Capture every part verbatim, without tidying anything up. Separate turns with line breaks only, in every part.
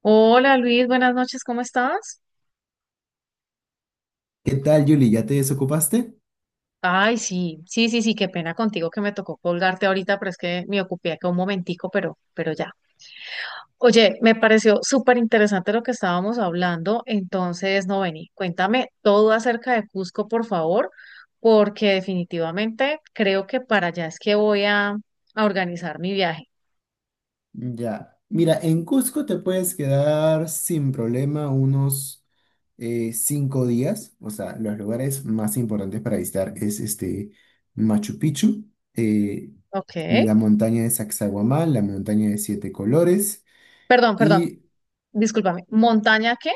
Hola Luis, buenas noches, ¿cómo estás?
¿Qué tal, Yuli? ¿Ya te desocupaste?
Ay, sí, sí, sí, sí, qué pena contigo que me tocó colgarte ahorita, pero es que me ocupé acá un momentico, pero, pero ya. Oye, me pareció súper interesante lo que estábamos hablando, entonces, no vení, cuéntame todo acerca de Cusco, por favor, porque definitivamente creo que para allá es que voy a, a organizar mi viaje.
Ya. Mira, en Cusco te puedes quedar sin problema unos eh, cinco días. O sea, los lugares más importantes para visitar es este Machu Picchu, eh,
Ok,
la montaña de Sacsayhuamán, la montaña de siete colores
perdón, perdón,
y
discúlpame, ¿montaña qué?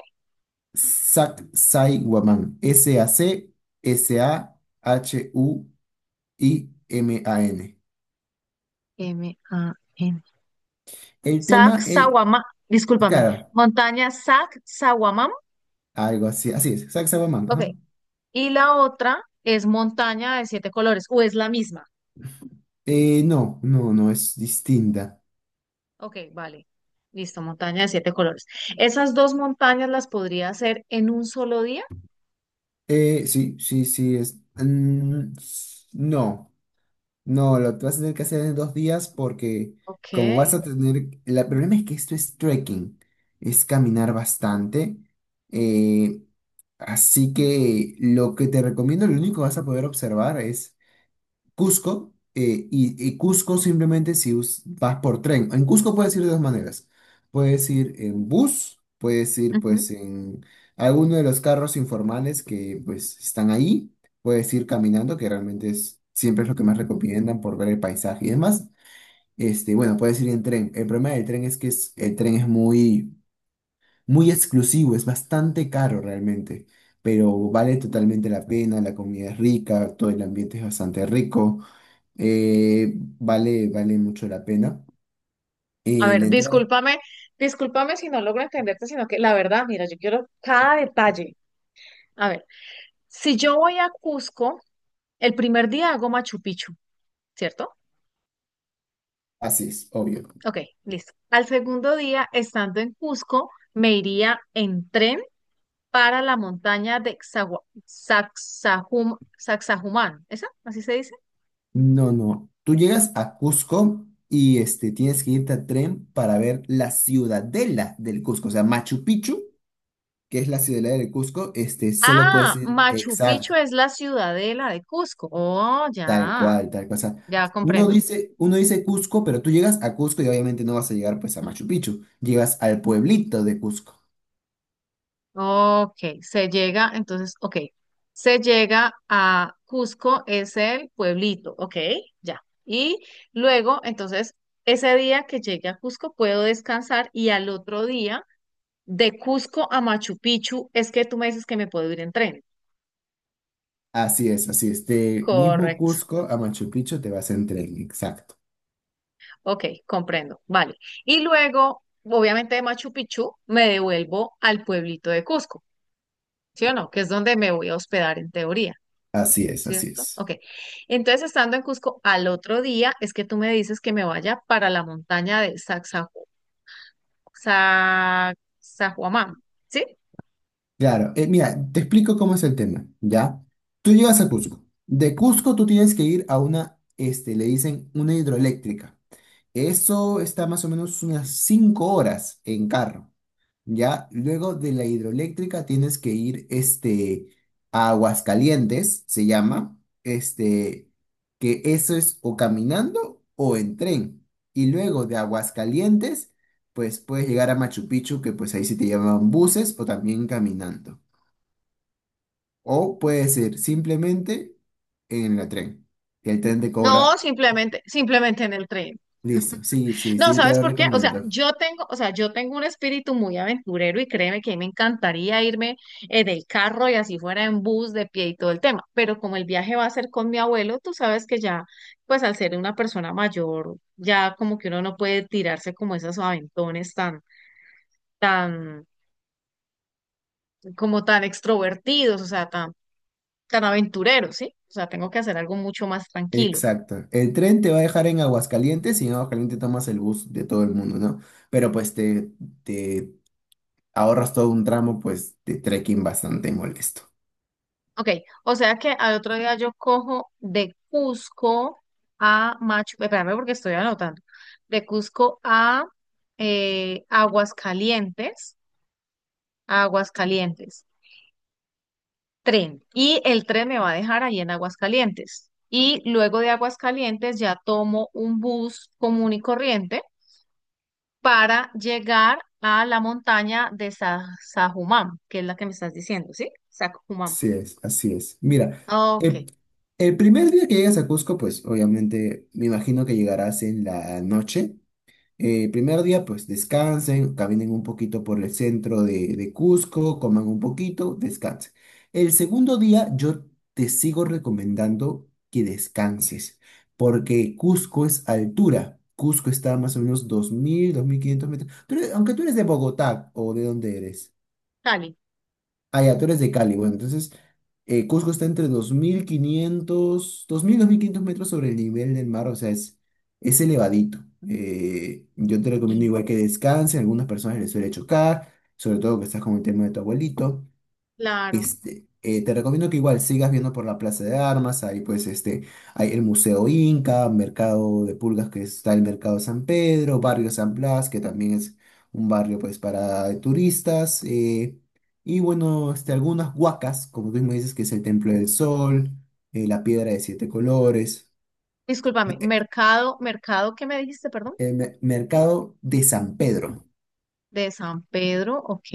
Sacsayhuamán. S a c s a h u I-M-A-N.
m a n
El
Sac
tema es,
Sawamam, discúlpame,
claro,
montaña Sac Sawamam,
algo así, así es, Zack Sabaman,
ok,
ajá.
y la otra es montaña de siete colores, o es la misma,
Eh, no, no, no, es distinta.
ok, vale, listo, montaña de siete colores. Esas dos montañas las podría hacer en un solo día,
Eh, sí, sí, sí, es... mm, s- no, no, lo vas a tener que hacer en dos días porque
ok,
como vas a tener... el problema es que esto es trekking, es caminar bastante. eh, Así que lo que te recomiendo, lo único que vas a poder observar es Cusco, eh, y, y Cusco simplemente si us- vas por tren. En Cusco puedes ir de dos maneras. Puedes ir en bus, puedes ir
ujú.
pues en alguno de los carros informales que pues están ahí, puedes ir caminando, que realmente es, siempre es lo que más recomiendan por ver el paisaje y demás. Este, bueno, puedes ir en tren. El problema del tren es que es- el tren es muy, muy exclusivo, es bastante caro realmente, pero vale totalmente la pena, la comida es rica, todo el ambiente es bastante rico. Eh, vale, vale mucho la pena.
A
Y
ver,
la entrada,
discúlpame, discúlpame si no logro entenderte, sino que la verdad, mira, yo quiero cada detalle. A ver, si yo voy a Cusco, el primer día hago Machu Picchu, ¿cierto?
así es, obvio.
Ok, listo. Al segundo día, estando en Cusco, me iría en tren para la montaña de Xagua- Sacsajum- Sacsayhuamán. ¿Esa? ¿Así se dice?
No, no. Tú llegas a Cusco y este, tienes que irte a tren para ver la ciudadela del Cusco. O sea, Machu Picchu, que es la ciudadela del Cusco, este, solo puedes
Ah,
ir
Machu Picchu
exacto,
es la ciudadela de Cusco. Oh,
tal
ya,
cual, tal cual. O sea,
ya
uno
comprendo.
dice, uno dice Cusco, pero tú llegas a Cusco y obviamente no vas a llegar pues a Machu Picchu. Llegas al pueblito de Cusco.
Ok, se llega, entonces, ok. Se llega a Cusco, es el pueblito, ok, ya. Y luego, entonces, ese día que llegue a Cusco puedo descansar y al otro día. De Cusco a Machu Picchu, es que tú me dices que me puedo ir en tren.
Así es, así es. De mismo
Correcto.
Cusco a Machu Picchu te vas en tren, exacto.
Ok, comprendo. Vale. Y luego, obviamente de Machu Picchu, me devuelvo al pueblito de Cusco, ¿sí o no? Que es donde me voy a hospedar en teoría,
Así es, así
¿cierto? Ok.
es.
Entonces, estando en Cusco al otro día, es que tú me dices que me vaya para la montaña de Sacsayhuamán, Sac- Sahuamán, ¿sí?
Claro, eh, mira, te explico cómo es el tema, ¿ya? Tú llegas a Cusco. De Cusco tú tienes que ir a una, este, le dicen una hidroeléctrica. Eso está más o menos unas cinco horas en carro. Ya, luego de la hidroeléctrica tienes que ir este, a Aguascalientes, se llama, este, que eso es o caminando o en tren. Y luego de Aguascalientes, pues puedes llegar a Machu Picchu, que pues ahí sí te llaman buses o también caminando. O puede ser simplemente en el tren, que el tren te
No,
cobra.
simplemente, simplemente en el tren.
Listo, sí, sí,
No,
sí, te
¿sabes
lo
por qué? O sea,
recomiendo.
yo tengo, o sea, yo tengo un espíritu muy aventurero y créeme que a mí me encantaría irme eh, del carro y así fuera en bus, de pie y todo el tema, pero como el viaje va a ser con mi abuelo, tú sabes que ya, pues al ser una persona mayor, ya como que uno no puede tirarse como esos aventones tan, tan, como tan extrovertidos, o sea, tan, tan aventureros, ¿sí? O sea, tengo que hacer algo mucho más tranquilo.
Exacto. El tren te va a dejar en Aguascalientes y en Aguascalientes tomas el bus de todo el mundo, ¿no? Pero pues te, te ahorras todo un tramo pues de trekking bastante molesto.
Ok, o sea que al otro día yo cojo de Cusco a Machu, espérame porque estoy anotando, de Cusco a eh, Aguascalientes, a Aguascalientes, tren. Y el tren me va a dejar ahí en Aguascalientes. Y luego de Aguascalientes ya tomo un bus común y corriente para llegar a la montaña de Sa- Sajumam, que es la que me estás diciendo, ¿sí? Sajumam.
Así es, así es. Mira,
Ok,
eh, el primer día que llegas a Cusco, pues obviamente me imagino que llegarás en la noche. Eh, primer día, pues descansen, caminen un poquito por el centro de, de Cusco, coman un poquito, descansen. El segundo día, yo te sigo recomendando que descanses, porque Cusco es altura. Cusco está a más o menos dos mil dos mil quinientos metros. Tú eres- aunque tú eres de Bogotá o de dónde eres.
Cali.
Ah, ya, tú eres
Ujú.
de Cali. Bueno, entonces eh, Cusco está entre dos dos mil mil quinientos dos mil dos mil quinientos metros sobre el nivel del mar, o sea, es, es elevadito. Eh, yo te recomiendo
Y
igual que descanses, algunas personas les suele chocar, sobre todo que estás con el tema de tu abuelito.
claro.
Este, eh, te recomiendo que igual sigas viendo por la Plaza de Armas, ahí pues este, hay el Museo Inca, Mercado de Pulgas que está el Mercado San Pedro, Barrio San Blas, que también es un barrio pues para turistas, eh, y bueno, este, algunas huacas, como tú me dices, que es el Templo del Sol, eh, la Piedra de Siete Colores,
Discúlpame, mercado, mercado, ¿qué me dijiste, perdón?
el me- Mercado de San Pedro.
De San Pedro, ok.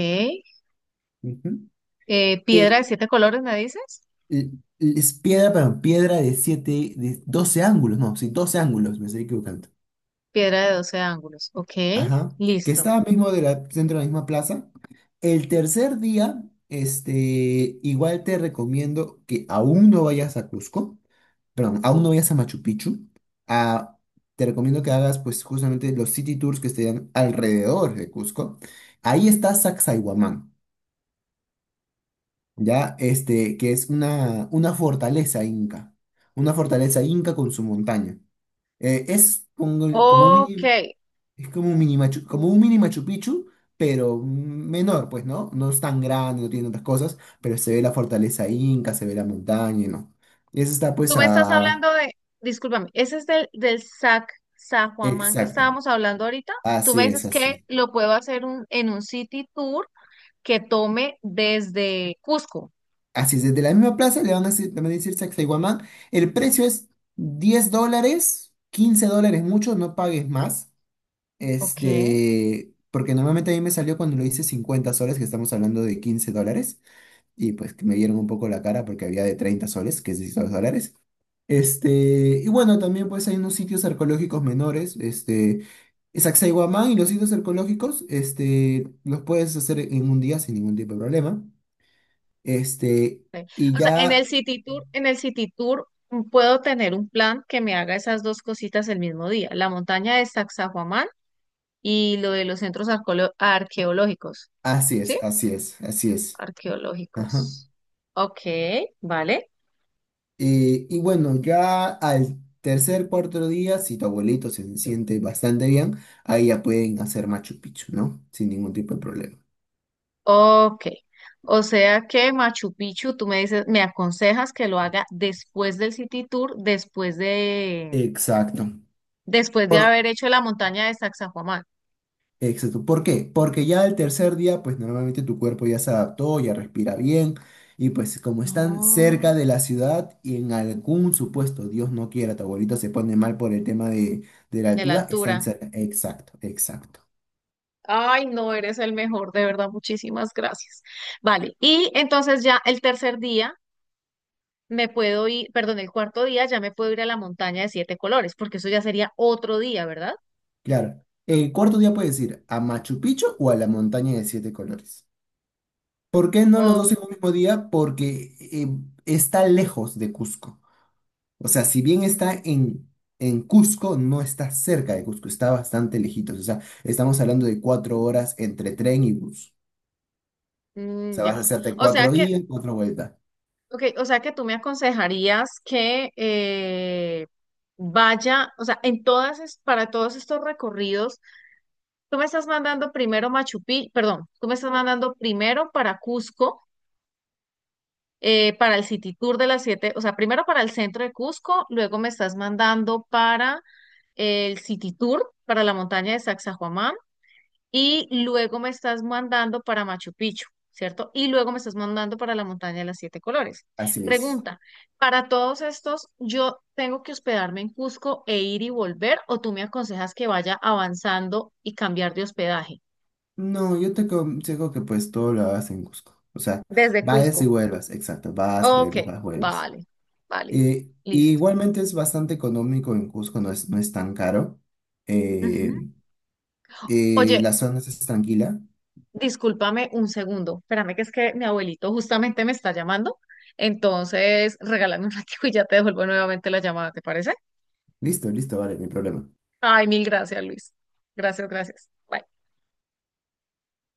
Ujú.
Eh, piedra
Eh,
de siete colores, ¿me dices?
l- l- es piedra, pero piedra de siete, de doce ángulos, no, sí, doce ángulos, me estoy equivocando.
Piedra de doce ángulos, ok.
Ajá, que
Listo.
estaba mismo de la- dentro de la misma plaza. El tercer día, este, igual te recomiendo que aún no vayas a Cusco, perdón, aún no vayas a Machu Picchu. Ah, te recomiendo que hagas, pues, justamente los city tours que estén alrededor de Cusco. Ahí está Sacsayhuamán, ya, este, que es una, una fortaleza inca, una fortaleza inca con su montaña. Eh, es como, como un
Ok.
mini es como un mini Machu, como un mini Machu Picchu, pero menor, pues, ¿no? No es tan grande, no tiene tantas cosas, pero se ve la fortaleza inca, se ve la montaña, ¿no? Y eso está, pues,
Tú me estás
a...
hablando de, discúlpame, ese es del, del, Sac, San Juan que
Exacto.
estábamos hablando ahorita. Tú me
Así es,
dices
así es.
que lo puedo hacer un, en un city tour que tome desde Cusco.
Así es, desde la misma plaza le van a decir, le van a decir Sacsayhuamán. El precio es diez dólares, quince dólares mucho, no pagues más.
Ok.
Este, porque normalmente a mí me salió cuando lo hice cincuenta soles, que estamos hablando de quince dólares. Y pues que me dieron un poco la cara porque había de treinta soles, que es dieciséis dólares. Este, y bueno, también pues hay unos sitios arqueológicos menores, este, Sacsayhuamán y los sitios arqueológicos, este, los puedes hacer en un día sin ningún tipo de problema. Este,
Sí.
y
O sea, en el
ya,
City Tour, en el City Tour mm, puedo tener un plan que me haga esas dos cositas el mismo día, la montaña de Sacsayhuamán y lo de los centros arqueolo- arqueológicos,
así es,
¿sí?
así es, así es. Ajá.
Arqueológicos. Ok, vale.
Eh, y bueno, ya al tercer, cuarto día, si tu abuelito se siente bastante bien, ahí ya pueden hacer Machu Picchu, ¿no? Sin ningún tipo de problema.
Ok. O sea que Machu Picchu, tú me dices, me aconsejas que lo haga después del City Tour, después de,
Exacto.
después de
Por,
haber hecho la montaña de Sacsayhuamán.
Exacto. ¿Por qué? Porque ya el tercer día, pues normalmente tu cuerpo ya se adaptó, ya respira bien, y pues como están cerca
No,
de la ciudad y en algún supuesto, Dios no quiera, tu abuelito se pone mal por el tema de, de la
de la
altura, están
altura.
cerca. Exacto, exacto.
Ay, no, eres el mejor, de verdad, muchísimas gracias. Vale, y entonces ya el tercer día me puedo ir, perdón, el cuarto día ya me puedo ir a la montaña de siete colores, porque eso ya sería otro día, ¿verdad?
Claro. El cuarto día puedes ir a Machu Picchu o a la montaña de siete colores. ¿Por qué no los
Oh,
dos en un mismo día? Porque eh, está lejos de Cusco. O sea, si bien está en, en Cusco, no está cerca de Cusco, está bastante lejitos. O sea, estamos hablando de cuatro horas entre tren y bus. O
mm,
sea, vas a
ya.
hacerte
O sea
cuatro
que,
días, cuatro vueltas.
ok, o sea que tú me aconsejarías que eh, vaya, o sea, en todas, es- para todos estos recorridos, tú me estás mandando primero Machu Picchu, perdón, tú me estás mandando primero para Cusco eh, para el City Tour de las siete, o sea, primero para el centro de Cusco, luego me estás mandando para el City Tour, para la montaña de Sacsayhuamán, y luego me estás mandando para Machu Picchu, ¿cierto? Y luego me estás mandando para la montaña de las siete colores.
Así es.
Pregunta, ¿para todos estos yo tengo que hospedarme en Cusco e ir y volver, o tú me aconsejas que vaya avanzando y cambiar de hospedaje
No, yo te aconsejo que pues todo lo hagas en Cusco. O sea,
desde
vayas y
Cusco?
vuelvas, exacto, vas,
Ok,
vuelves, vas, vuelves.
vale, válido,
Eh, y
listo.
igualmente es bastante económico en Cusco, no es, no es tan caro.
Ujú.
Eh, eh,
Oye,
la zona es tranquila.
discúlpame un segundo, espérame que es que mi abuelito justamente me está llamando, entonces regálame un ratito y ya te devuelvo nuevamente la llamada, ¿te parece?
Listo, listo, vale, no hay problema.
Ay, mil gracias, Luis. Gracias, gracias. Bye.